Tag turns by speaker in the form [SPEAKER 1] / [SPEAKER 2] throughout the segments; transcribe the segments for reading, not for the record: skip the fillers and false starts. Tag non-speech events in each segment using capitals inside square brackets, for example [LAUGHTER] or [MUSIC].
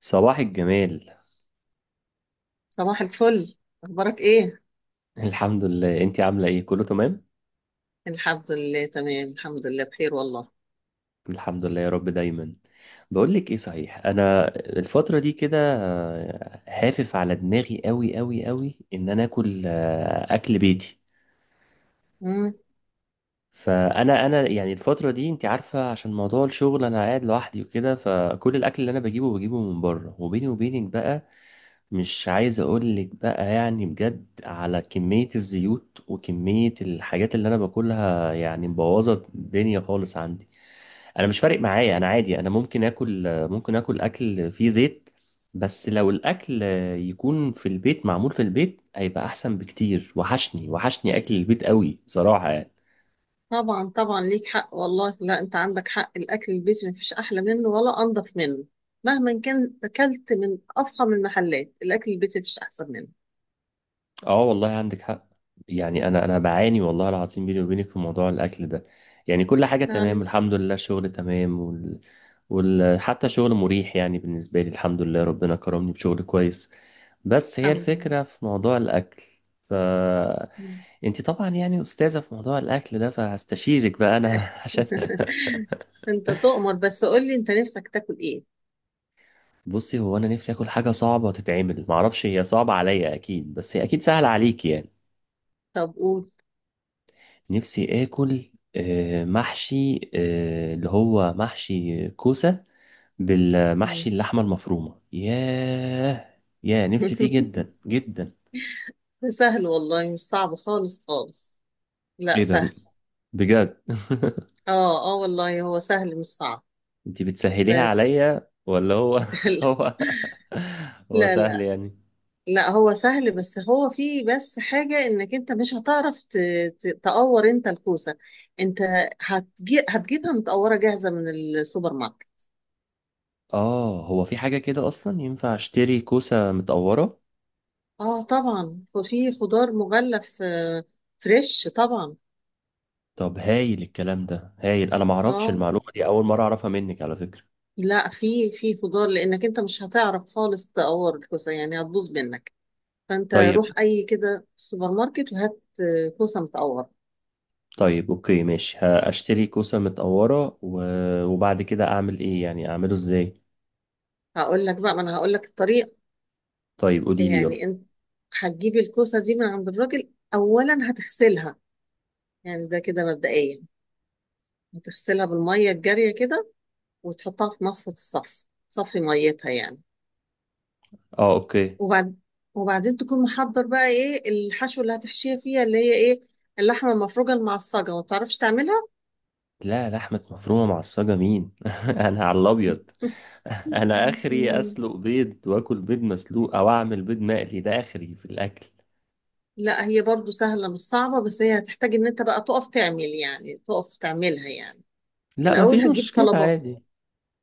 [SPEAKER 1] صباح الجمال.
[SPEAKER 2] صباح الفل. اخبارك ايه؟
[SPEAKER 1] الحمد لله، انتي عاملة ايه؟ كله تمام؟
[SPEAKER 2] الحمد لله تمام، الحمد لله بخير والله.
[SPEAKER 1] الحمد لله يا رب دايما. بقولك ايه، صحيح، انا الفترة دي كده هافف على دماغي قوي قوي قوي ان انا اكل اكل بيتي.
[SPEAKER 2] امم.
[SPEAKER 1] فانا يعني الفترة دي انتي عارفة، عشان موضوع الشغل انا قاعد لوحدي وكده، فكل الاكل اللي انا بجيبه من بره. وبيني وبينك بقى، مش عايز اقولك بقى يعني بجد على كمية الزيوت وكمية الحاجات اللي انا باكلها، يعني مبوظة الدنيا خالص عندي. انا مش فارق معايا، انا عادي، انا ممكن اكل اكل فيه زيت. بس لو الاكل يكون في البيت، معمول في البيت، هيبقى احسن بكتير. وحشني وحشني اكل البيت قوي بصراحة يعني.
[SPEAKER 2] طبعا طبعا، ليك حق والله. لا، انت عندك حق، الاكل البيتي مفيش احلى منه ولا انضف منه. مهما كان اكلت من افخم المحلات، الاكل البيتي مفيش احسن منه.
[SPEAKER 1] اه والله عندك حق. يعني انا بعاني والله العظيم بيني وبينك في موضوع الاكل ده. يعني كل حاجه تمام
[SPEAKER 2] معلش.
[SPEAKER 1] الحمد لله، الشغل تمام، حتى شغل مريح يعني بالنسبه لي، الحمد لله ربنا كرمني بشغل كويس. بس هي
[SPEAKER 2] الحمد لله.
[SPEAKER 1] الفكره في موضوع الاكل. ف
[SPEAKER 2] مم.
[SPEAKER 1] انت طبعا يعني استاذه في موضوع الاكل ده، فهستشيرك بقى انا [LAUGHS] عشان.
[SPEAKER 2] [LAUGHS] انت تؤمر، بس قول لي انت نفسك تاكل ايه؟
[SPEAKER 1] بصي، هو انا نفسي اكل حاجه صعبه تتعمل، معرفش هي صعبه عليا اكيد، بس هي اكيد سهله عليكي يعني.
[SPEAKER 2] طب قول.
[SPEAKER 1] نفسي آكل محشي، اللي هو محشي كوسة.
[SPEAKER 2] مم.
[SPEAKER 1] بالمحشي اللحمة المفرومة. ياه ياه، نفسي فيه جدا
[SPEAKER 2] [LAUGHS]
[SPEAKER 1] جدا.
[SPEAKER 2] سهل والله، مش صعب خالص خالص. لا
[SPEAKER 1] ايه ده،
[SPEAKER 2] سهل.
[SPEAKER 1] بجد [LAUGHS]
[SPEAKER 2] اه اه والله، هو سهل مش صعب.
[SPEAKER 1] انت بتسهليها
[SPEAKER 2] بس.
[SPEAKER 1] عليا ولا هو [LAUGHS]
[SPEAKER 2] [LAUGHS]
[SPEAKER 1] هو هو
[SPEAKER 2] لا
[SPEAKER 1] سهل
[SPEAKER 2] لا
[SPEAKER 1] يعني؟
[SPEAKER 2] لا، هو سهل، بس هو فيه بس حاجة انك انت مش هتعرف تقور انت الكوسة. انت هتجي هتجيبها متقورة جاهزة من السوبر ماركت.
[SPEAKER 1] اه هو في حاجة كده اصلا ينفع اشتري كوسة متقورة؟
[SPEAKER 2] اه طبعا، وفي خضار مغلف فريش طبعا.
[SPEAKER 1] طب هايل، الكلام ده هايل، انا معرفش
[SPEAKER 2] اه
[SPEAKER 1] المعلومة دي، اول مرة اعرفها منك على فكرة.
[SPEAKER 2] لا، في خضار، لانك انت مش هتعرف خالص تقور الكوسة، يعني هتبوظ منك. فانت روح
[SPEAKER 1] طيب،
[SPEAKER 2] اي كده سوبر ماركت وهات كوسة متقورة.
[SPEAKER 1] طيب اوكي ماشي، هشتري كوسة متقورة وبعد كده اعمل ايه يعني، اعمله ازاي؟
[SPEAKER 2] هقول لك بقى، ما انا هقول لك الطريقة.
[SPEAKER 1] طيب قولي لي يلا.
[SPEAKER 2] يعني انت هتجيبي الكوسة دي من عند الراجل، اولا هتغسلها. يعني ده كده مبدئيا، هتغسلها بالمية الجارية كده، وتحطها في مصفى الصف، صفي ميتها يعني.
[SPEAKER 1] اه اوكي.
[SPEAKER 2] وبعد وبعدين تكون محضر بقى ايه الحشو اللي هتحشيها فيها، اللي هي ايه، اللحمة المفرومة المعصجة وما بتعرفش تعملها.
[SPEAKER 1] لا، لحمة مفرومة معصجة مين [LAUGHS] انا على الابيض. [LAUGHS] انا
[SPEAKER 2] [LAUGHS]
[SPEAKER 1] اخري اسلق بيض واكل بيض مسلوق، او اعمل بيض مقلي، ده اخري في الاكل.
[SPEAKER 2] لا، هي برضو سهلة مش صعبة، بس هي هتحتاج ان انت بقى تقف تعمل، يعني تقف تعملها يعني.
[SPEAKER 1] لا
[SPEAKER 2] الاول
[SPEAKER 1] مفيش
[SPEAKER 2] هتجيب
[SPEAKER 1] مشكلة
[SPEAKER 2] طلبات
[SPEAKER 1] عادي.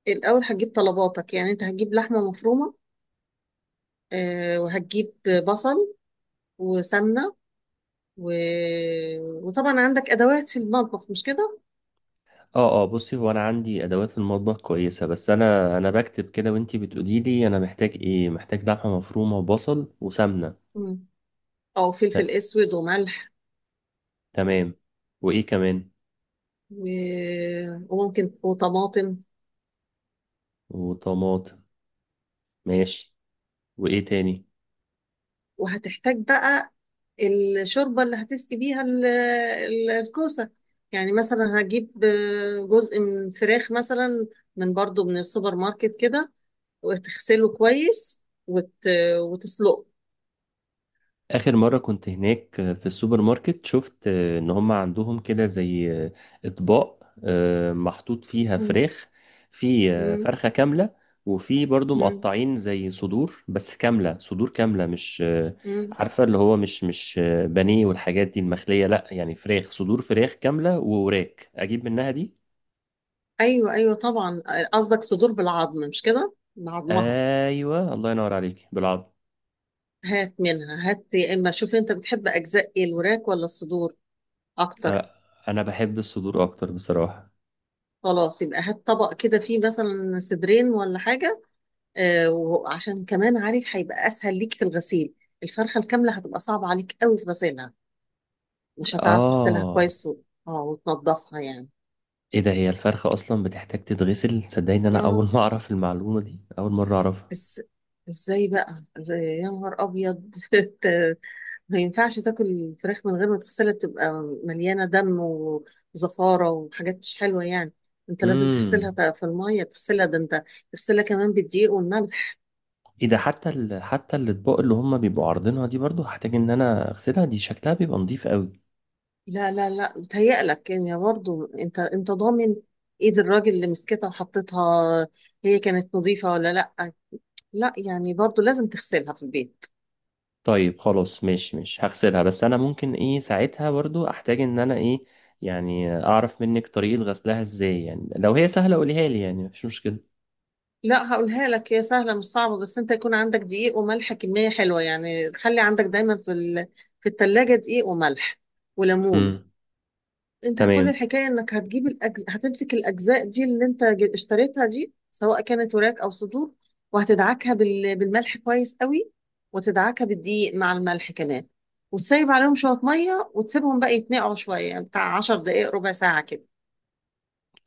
[SPEAKER 2] الأول هتجيب طلباتك، يعني أنت هتجيب لحمة مفرومة، وهتجيب بصل وسمنة و... وطبعا عندك أدوات في المطبخ، مش كده؟
[SPEAKER 1] اه اه، بصي هو انا عندي ادوات المطبخ كويسة، بس انا بكتب كده وانتي بتقولي لي انا محتاج ايه، محتاج لحمة مفرومة وبصل وسمنة.
[SPEAKER 2] مم. أو فلفل
[SPEAKER 1] ت-
[SPEAKER 2] أسود وملح
[SPEAKER 1] تمام، وايه كمان؟
[SPEAKER 2] و... وممكن وطماطم.
[SPEAKER 1] وطماطم، ماشي، وايه تاني؟
[SPEAKER 2] وهتحتاج بقى الشوربة اللي هتسقي بيها الكوسة. يعني مثلا هتجيب جزء من فراخ مثلا، برضو من السوبر ماركت كده، وتغسله كويس وت... وتسلقه.
[SPEAKER 1] اخر مرة كنت هناك في السوبر ماركت، شفت ان هم عندهم كده زي اطباق محطوط فيها فراخ. في
[SPEAKER 2] مم.
[SPEAKER 1] فرخة كاملة، وفي برضو
[SPEAKER 2] مم.
[SPEAKER 1] مقطعين زي صدور، بس كاملة، صدور كاملة مش،
[SPEAKER 2] مم.
[SPEAKER 1] عارفة، اللي هو مش بانيه والحاجات دي المخلية، لا، يعني فراخ صدور، فراخ كاملة ووراك اجيب منها دي.
[SPEAKER 2] ايوه ايوه طبعا. قصدك صدور بالعظم، مش كده؟ بعظمها.
[SPEAKER 1] ايوه الله ينور عليك بالعض.
[SPEAKER 2] هات منها هات، يا اما شوف انت بتحب اجزاء ايه، الوراك ولا الصدور اكتر؟
[SPEAKER 1] آه، انا بحب الصدور اكتر بصراحة.
[SPEAKER 2] خلاص، يبقى هات طبق كده فيه مثلا صدرين ولا حاجه. آه، وعشان كمان عارف هيبقى اسهل ليك في الغسيل، الفرخه الكامله هتبقى صعبه عليك قوي في غسيلها، مش هتعرف تغسلها
[SPEAKER 1] آه.
[SPEAKER 2] كويس اه وتنضفها يعني.
[SPEAKER 1] إيه ده، هي الفرخة أصلا بتحتاج تتغسل؟ صدقني أنا أول
[SPEAKER 2] اه
[SPEAKER 1] [LAUGHS] ما أعرف المعلومة دي، أول مرة أعرفها.
[SPEAKER 2] بس ازاي بقى، إزاي؟ يا نهار ابيض [LAUGHS] انت ما ينفعش تاكل الفراخ من غير ما تغسلها، بتبقى مليانة دم وزفارة وحاجات مش حلوة يعني. انت لازم تغسلها
[SPEAKER 1] امم.
[SPEAKER 2] في المية، تغسلها ده. انت تغسلها كمان بالدقيق والملح.
[SPEAKER 1] إيه ده، حتى حتى الأطباق اللي هما بيبقوا عارضينها دي برضو هحتاج إن أنا أغسلها؟ دي شكلها بيبقى نضيف قوي.
[SPEAKER 2] لا لا لا، بتهيألك يعني. برضه انت انت ضامن ايد الراجل اللي مسكتها وحطيتها، هي كانت نظيفة ولا لا؟ لا يعني، برضه لازم تغسلها في البيت.
[SPEAKER 1] طيب خلاص ماشي ماشي، هغسلها، بس أنا ممكن إيه ساعتها برضو أحتاج إن أنا إيه، يعني أعرف منك طريقة غسلها إزاي، يعني لو هي سهلة قوليها لي، يعني مفيش مشكلة.
[SPEAKER 2] لا هقولها لك، هي سهلة مش صعبة، بس انت يكون عندك دقيق وملح كمية حلوة. يعني خلي عندك دايما في التلاجة دقيق وملح وليمون.
[SPEAKER 1] امم.
[SPEAKER 2] انت كل
[SPEAKER 1] تمام.
[SPEAKER 2] الحكاية انك هتجيب هتمسك الاجزاء دي اللي انت اشتريتها دي، سواء كانت وراك او صدور. وهتدعكها بالملح كويس قوي، وتدعكها بالدقيق مع الملح كمان، وتسيب عليهم شوية مية وتسيبهم بقى يتنقعوا شوية، بتاع 10 دقايق ربع ساعة كده.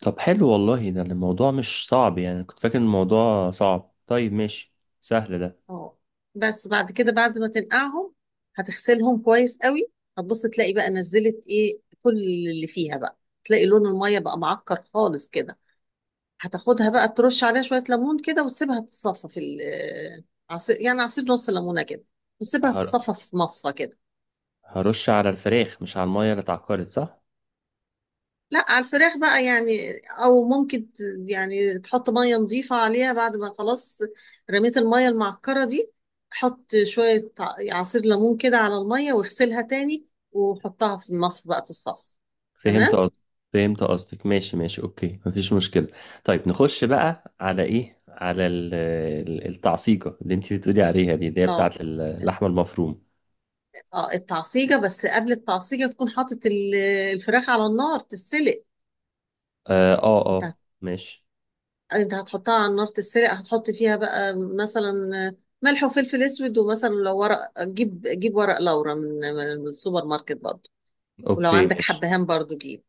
[SPEAKER 1] طب حلو والله، ده الموضوع مش صعب، يعني كنت فاكر إن الموضوع صعب. طيب ماشي، سهل ده.
[SPEAKER 2] اه بس بعد كده، بعد ما تنقعهم هتغسلهم كويس قوي، هتبص تلاقي بقى نزلت ايه كل اللي فيها بقى، تلاقي لون المية بقى معكر خالص كده. هتاخدها بقى ترش عليها شوية ليمون كده، وتسيبها تتصفى في ال- آه، عصير يعني، عصير نص ليمونة كده، وتسيبها
[SPEAKER 1] هر...
[SPEAKER 2] تتصفى في مصفى كده.
[SPEAKER 1] هرش على الفراخ مش على المية اللي اتعكرت، صح؟
[SPEAKER 2] لا، على الفراخ بقى يعني، او ممكن يعني تحط مية نظيفة عليها بعد ما خلاص رميت المية المعكرة دي. حط شوية عصير ليمون كده على المية واغسلها تاني، وحطها في المصفى بقى تتصفى.
[SPEAKER 1] فهمت
[SPEAKER 2] تمام.
[SPEAKER 1] قصدك. فهمت قصدك، ماشي ماشي اوكي، مفيش مشكلة. طيب نخش بقى على ايه، على التعصيجة اللي انت بتقولي عليها دي، اللي هي
[SPEAKER 2] اه
[SPEAKER 1] بتاعت اللحمة المفروم.
[SPEAKER 2] اه، التعصيجة. بس قبل التعصيجة تكون حاطط الفراخ على النار تتسلق.
[SPEAKER 1] اه اه،
[SPEAKER 2] انت
[SPEAKER 1] ماشي.
[SPEAKER 2] انت هتحطها على النار تتسرق، هتحط فيها بقى مثلا ملح وفلفل اسود، ومثلا لو ورق جيب، جيب ورق لورا من السوبر ماركت برضو. ولو
[SPEAKER 1] اوكي
[SPEAKER 2] عندك
[SPEAKER 1] ماشي.
[SPEAKER 2] حبهان برضو جيب.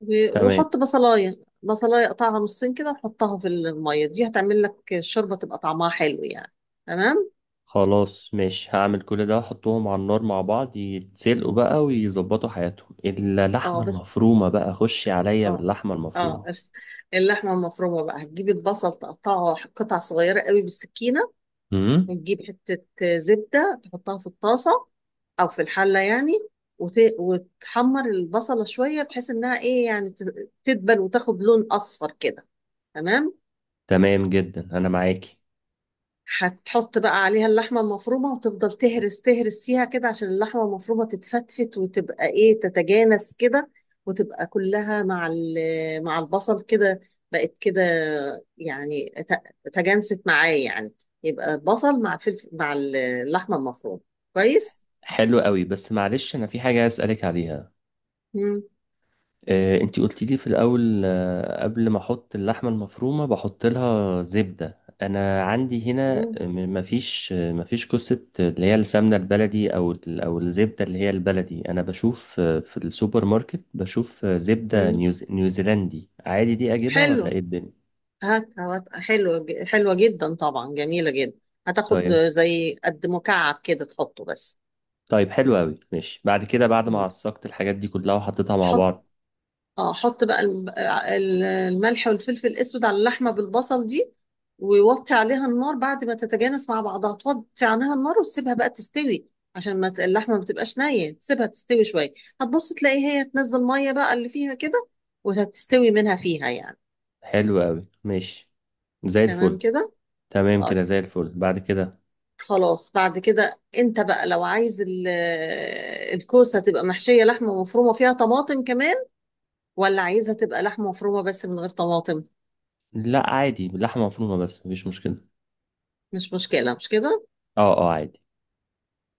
[SPEAKER 1] تمام.
[SPEAKER 2] وحط بصلايه بصلايه قطعها نصين كده وحطها في الميه دي، هتعمل لك الشوربه تبقى طعمها حلو يعني. تمام.
[SPEAKER 1] خلاص ماشي، هعمل كل ده، احطهم على النار مع بعض يتسلقوا بقى ويظبطوا حياتهم، الا اللحمه
[SPEAKER 2] اه بس
[SPEAKER 1] المفرومه بقى، خشي عليا
[SPEAKER 2] اه
[SPEAKER 1] باللحمه المفرومه.
[SPEAKER 2] اه [LAUGHS] اللحمه المفرومه بقى، هتجيب البصل تقطعه قطع صغيره قوي بالسكينه،
[SPEAKER 1] امم.
[SPEAKER 2] وتجيب حته زبده تحطها في الطاسه او في الحله يعني، وتحمر البصله شويه بحيث انها ايه، يعني تدبل وتاخد لون اصفر كده. تمام.
[SPEAKER 1] تمام جدا انا معاكي.
[SPEAKER 2] هتحط بقى عليها اللحمه المفرومه، وتفضل تهرس تهرس فيها كده عشان اللحمه المفرومه تتفتفت وتبقى ايه، تتجانس كده، وتبقى كلها مع البصل كده، بقت كده يعني تجانست معاه يعني، يبقى بصل مع فلفل مع اللحمه المفرومه. كويس.
[SPEAKER 1] حلو قوي، بس معلش انا في حاجه عايز اسالك عليها.
[SPEAKER 2] مم.
[SPEAKER 1] انتي قلت لي في الاول، قبل ما احط اللحمه المفرومه بحط لها زبده، انا عندي هنا
[SPEAKER 2] مم.
[SPEAKER 1] مفيش قصه اللي هي السمنه البلدي او او الزبده اللي هي البلدي، انا بشوف في السوبر ماركت بشوف زبده
[SPEAKER 2] مم.
[SPEAKER 1] نيوزيلندي عادي، دي اجيبها ولا
[SPEAKER 2] حلو.
[SPEAKER 1] ايه الدنيا؟
[SPEAKER 2] هات هات، حلوة جدا طبعا، جميلة جدا. هتاخد
[SPEAKER 1] طيب.
[SPEAKER 2] زي قد مكعب كده تحطه بس.
[SPEAKER 1] طيب حلو قوي ماشي، بعد كده بعد ما
[SPEAKER 2] مم.
[SPEAKER 1] عصقت الحاجات دي كلها وحطيتها مع
[SPEAKER 2] حط،
[SPEAKER 1] بعض.
[SPEAKER 2] اه حط بقى الملح والفلفل الأسود على اللحمة بالبصل دي، ووطي عليها النار. بعد ما تتجانس مع بعضها توطي عليها النار وتسيبها بقى تستوي، عشان ما ت- اللحمة ما تبقاش نية، تسيبها تستوي شوية. هتبص تلاقي هي تنزل مية بقى اللي فيها كده، وهتستوي منها فيها يعني.
[SPEAKER 1] حلو قوي ماشي، زي
[SPEAKER 2] تمام
[SPEAKER 1] الفل.
[SPEAKER 2] كده.
[SPEAKER 1] تمام
[SPEAKER 2] طيب
[SPEAKER 1] كده، زي الفل، بعد كده.
[SPEAKER 2] خلاص، بعد كده انت بقى لو عايز الكوسة تبقى محشية لحمة مفرومة فيها طماطم كمان، ولا عايزها تبقى لحمة مفرومة بس من غير طماطم.
[SPEAKER 1] لا عادي، لحمه مفرومه بس، مفيش مشكله.
[SPEAKER 2] مش مشكلة، مش كده؟
[SPEAKER 1] اه اه عادي.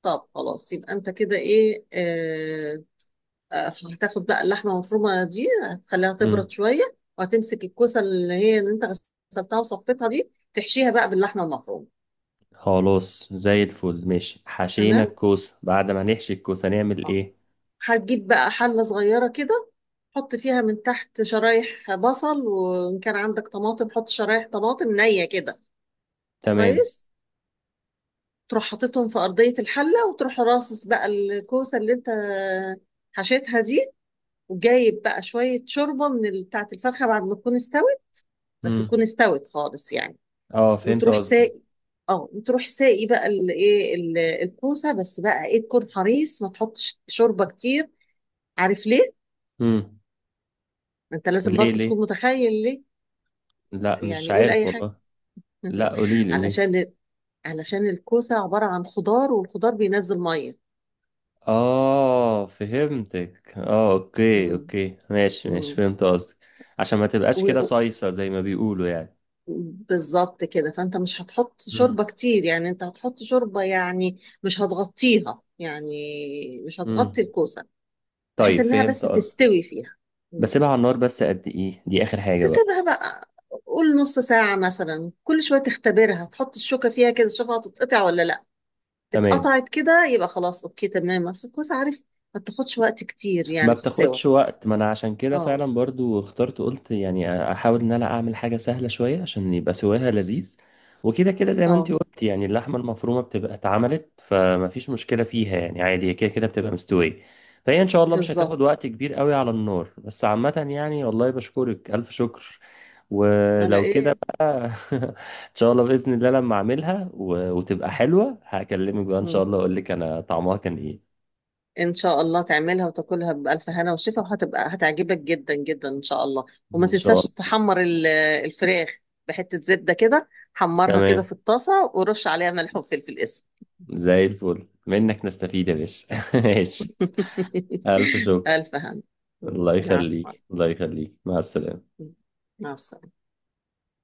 [SPEAKER 2] طب خلاص، يبقى انت كده ايه، اه هتاخد بقى اللحمة المفرومة دي هتخليها
[SPEAKER 1] مم.
[SPEAKER 2] تبرد شوية، وهتمسك الكوسة اللي هي اللي انت غسلتها وصفيتها دي، تحشيها بقى باللحمة المفرومة.
[SPEAKER 1] خلاص زي الفل ماشي، حشينا
[SPEAKER 2] تمام.
[SPEAKER 1] الكوسة، بعد ما نحشي الكوسة نعمل ايه؟
[SPEAKER 2] هتجيب بقى حلة صغيرة كده، حط فيها من تحت شرايح بصل، وإن كان عندك طماطم حط شرايح طماطم نية كده.
[SPEAKER 1] تمام.
[SPEAKER 2] كويس. تروح حاططهم في أرضية الحلة، وتروح راصص بقى الكوسة اللي أنت حشيتها دي، وجايب بقى شوية شوربة من بتاعة الفرخة بعد ما تكون استوت، بس تكون
[SPEAKER 1] مم.
[SPEAKER 2] استوت خالص يعني.
[SPEAKER 1] اه فهمت
[SPEAKER 2] وتروح
[SPEAKER 1] قصدك.
[SPEAKER 2] ساقي، اه وتروح ساقي بقى الايه، الكوسة. بس بقى ايه، تكون حريص ما تحطش شوربة كتير. عارف ليه؟
[SPEAKER 1] مم.
[SPEAKER 2] ما انت لازم
[SPEAKER 1] ليه
[SPEAKER 2] برضه تكون
[SPEAKER 1] ليه؟
[SPEAKER 2] متخيل ليه.
[SPEAKER 1] لا مش
[SPEAKER 2] يعني قول
[SPEAKER 1] عارف
[SPEAKER 2] اي حاجه.
[SPEAKER 1] والله.
[SPEAKER 2] [LAUGHS]
[SPEAKER 1] لا قوليلي قوليلي.
[SPEAKER 2] علشان، علشان الكوسه عباره عن خضار، والخضار بينزل ميه.
[SPEAKER 1] اه فهمتك، اه اوكي
[SPEAKER 2] امم.
[SPEAKER 1] اوكي ماشي ماشي،
[SPEAKER 2] امم.
[SPEAKER 1] فهمت قصدك. عشان ما تبقاش
[SPEAKER 2] و-
[SPEAKER 1] كده
[SPEAKER 2] و-
[SPEAKER 1] صيصة زي ما بيقولوا يعني.
[SPEAKER 2] بالظبط كده. فانت مش هتحط
[SPEAKER 1] مم.
[SPEAKER 2] شوربه كتير، يعني انت هتحط شوربه يعني، مش هتغطيها يعني، مش
[SPEAKER 1] مم.
[SPEAKER 2] هتغطي الكوسه، بحيث
[SPEAKER 1] طيب
[SPEAKER 2] انها بس
[SPEAKER 1] فهمت قصدك.
[SPEAKER 2] تستوي فيها. مم.
[SPEAKER 1] بسيبها على النار بس قد ايه، دي اخر حاجة بقى؟
[SPEAKER 2] تسيبها بقى، قول نص ساعه مثلا، كل شويه تختبرها، تحط الشوكه فيها كده تشوفها هتتقطع ولا لا.
[SPEAKER 1] تمام.
[SPEAKER 2] اتقطعت كده يبقى خلاص اوكي تمام. اصل الكوسه عارف ما بتاخدش وقت كتير
[SPEAKER 1] ما
[SPEAKER 2] يعني في السوا.
[SPEAKER 1] بتاخدش وقت، ما انا عشان كده
[SPEAKER 2] اه
[SPEAKER 1] فعلا برضو اخترت، قلت يعني احاول ان انا اعمل حاجة سهلة شوية عشان يبقى سواها لذيذ. وكده كده زي ما انتي
[SPEAKER 2] اه
[SPEAKER 1] قلت يعني، اللحمة المفرومة بتبقى اتعملت، فما فيش مشكلة فيها يعني، عادي هي كده كده بتبقى مستوية. فهي ان شاء الله مش
[SPEAKER 2] بالظبط.
[SPEAKER 1] هتاخد وقت كبير قوي على النار. بس عامة يعني، والله بشكرك الف شكر.
[SPEAKER 2] على
[SPEAKER 1] ولو كده
[SPEAKER 2] ايه؟
[SPEAKER 1] بقى. [LAUGHS] ان شاء الله بإذن الله لما اعملها وتبقى حلوة، هكلمك بقى ان شاء
[SPEAKER 2] مم.
[SPEAKER 1] الله، اقول لك انا طعمها كان ايه.
[SPEAKER 2] ان شاء الله تعملها وتاكلها بألف هنا وشفا، وهتبقى هتعجبك جدا جدا ان شاء الله. وما
[SPEAKER 1] ان شاء
[SPEAKER 2] تنساش
[SPEAKER 1] الله.
[SPEAKER 2] تحمر الفراخ بحتة زبدة كده، حمرها كده
[SPEAKER 1] تمام
[SPEAKER 2] في الطاسة ورش عليها ملح وفلفل اسود.
[SPEAKER 1] زي الفل، منك نستفيد يا باشا [LAUGHS] ماشي. ألف
[SPEAKER 2] [LAUGHS]
[SPEAKER 1] شكر.
[SPEAKER 2] ألف هنا.
[SPEAKER 1] الله
[SPEAKER 2] العفو.
[SPEAKER 1] يخليك الله يخليك، مع السلامة.
[SPEAKER 2] مع السلامة.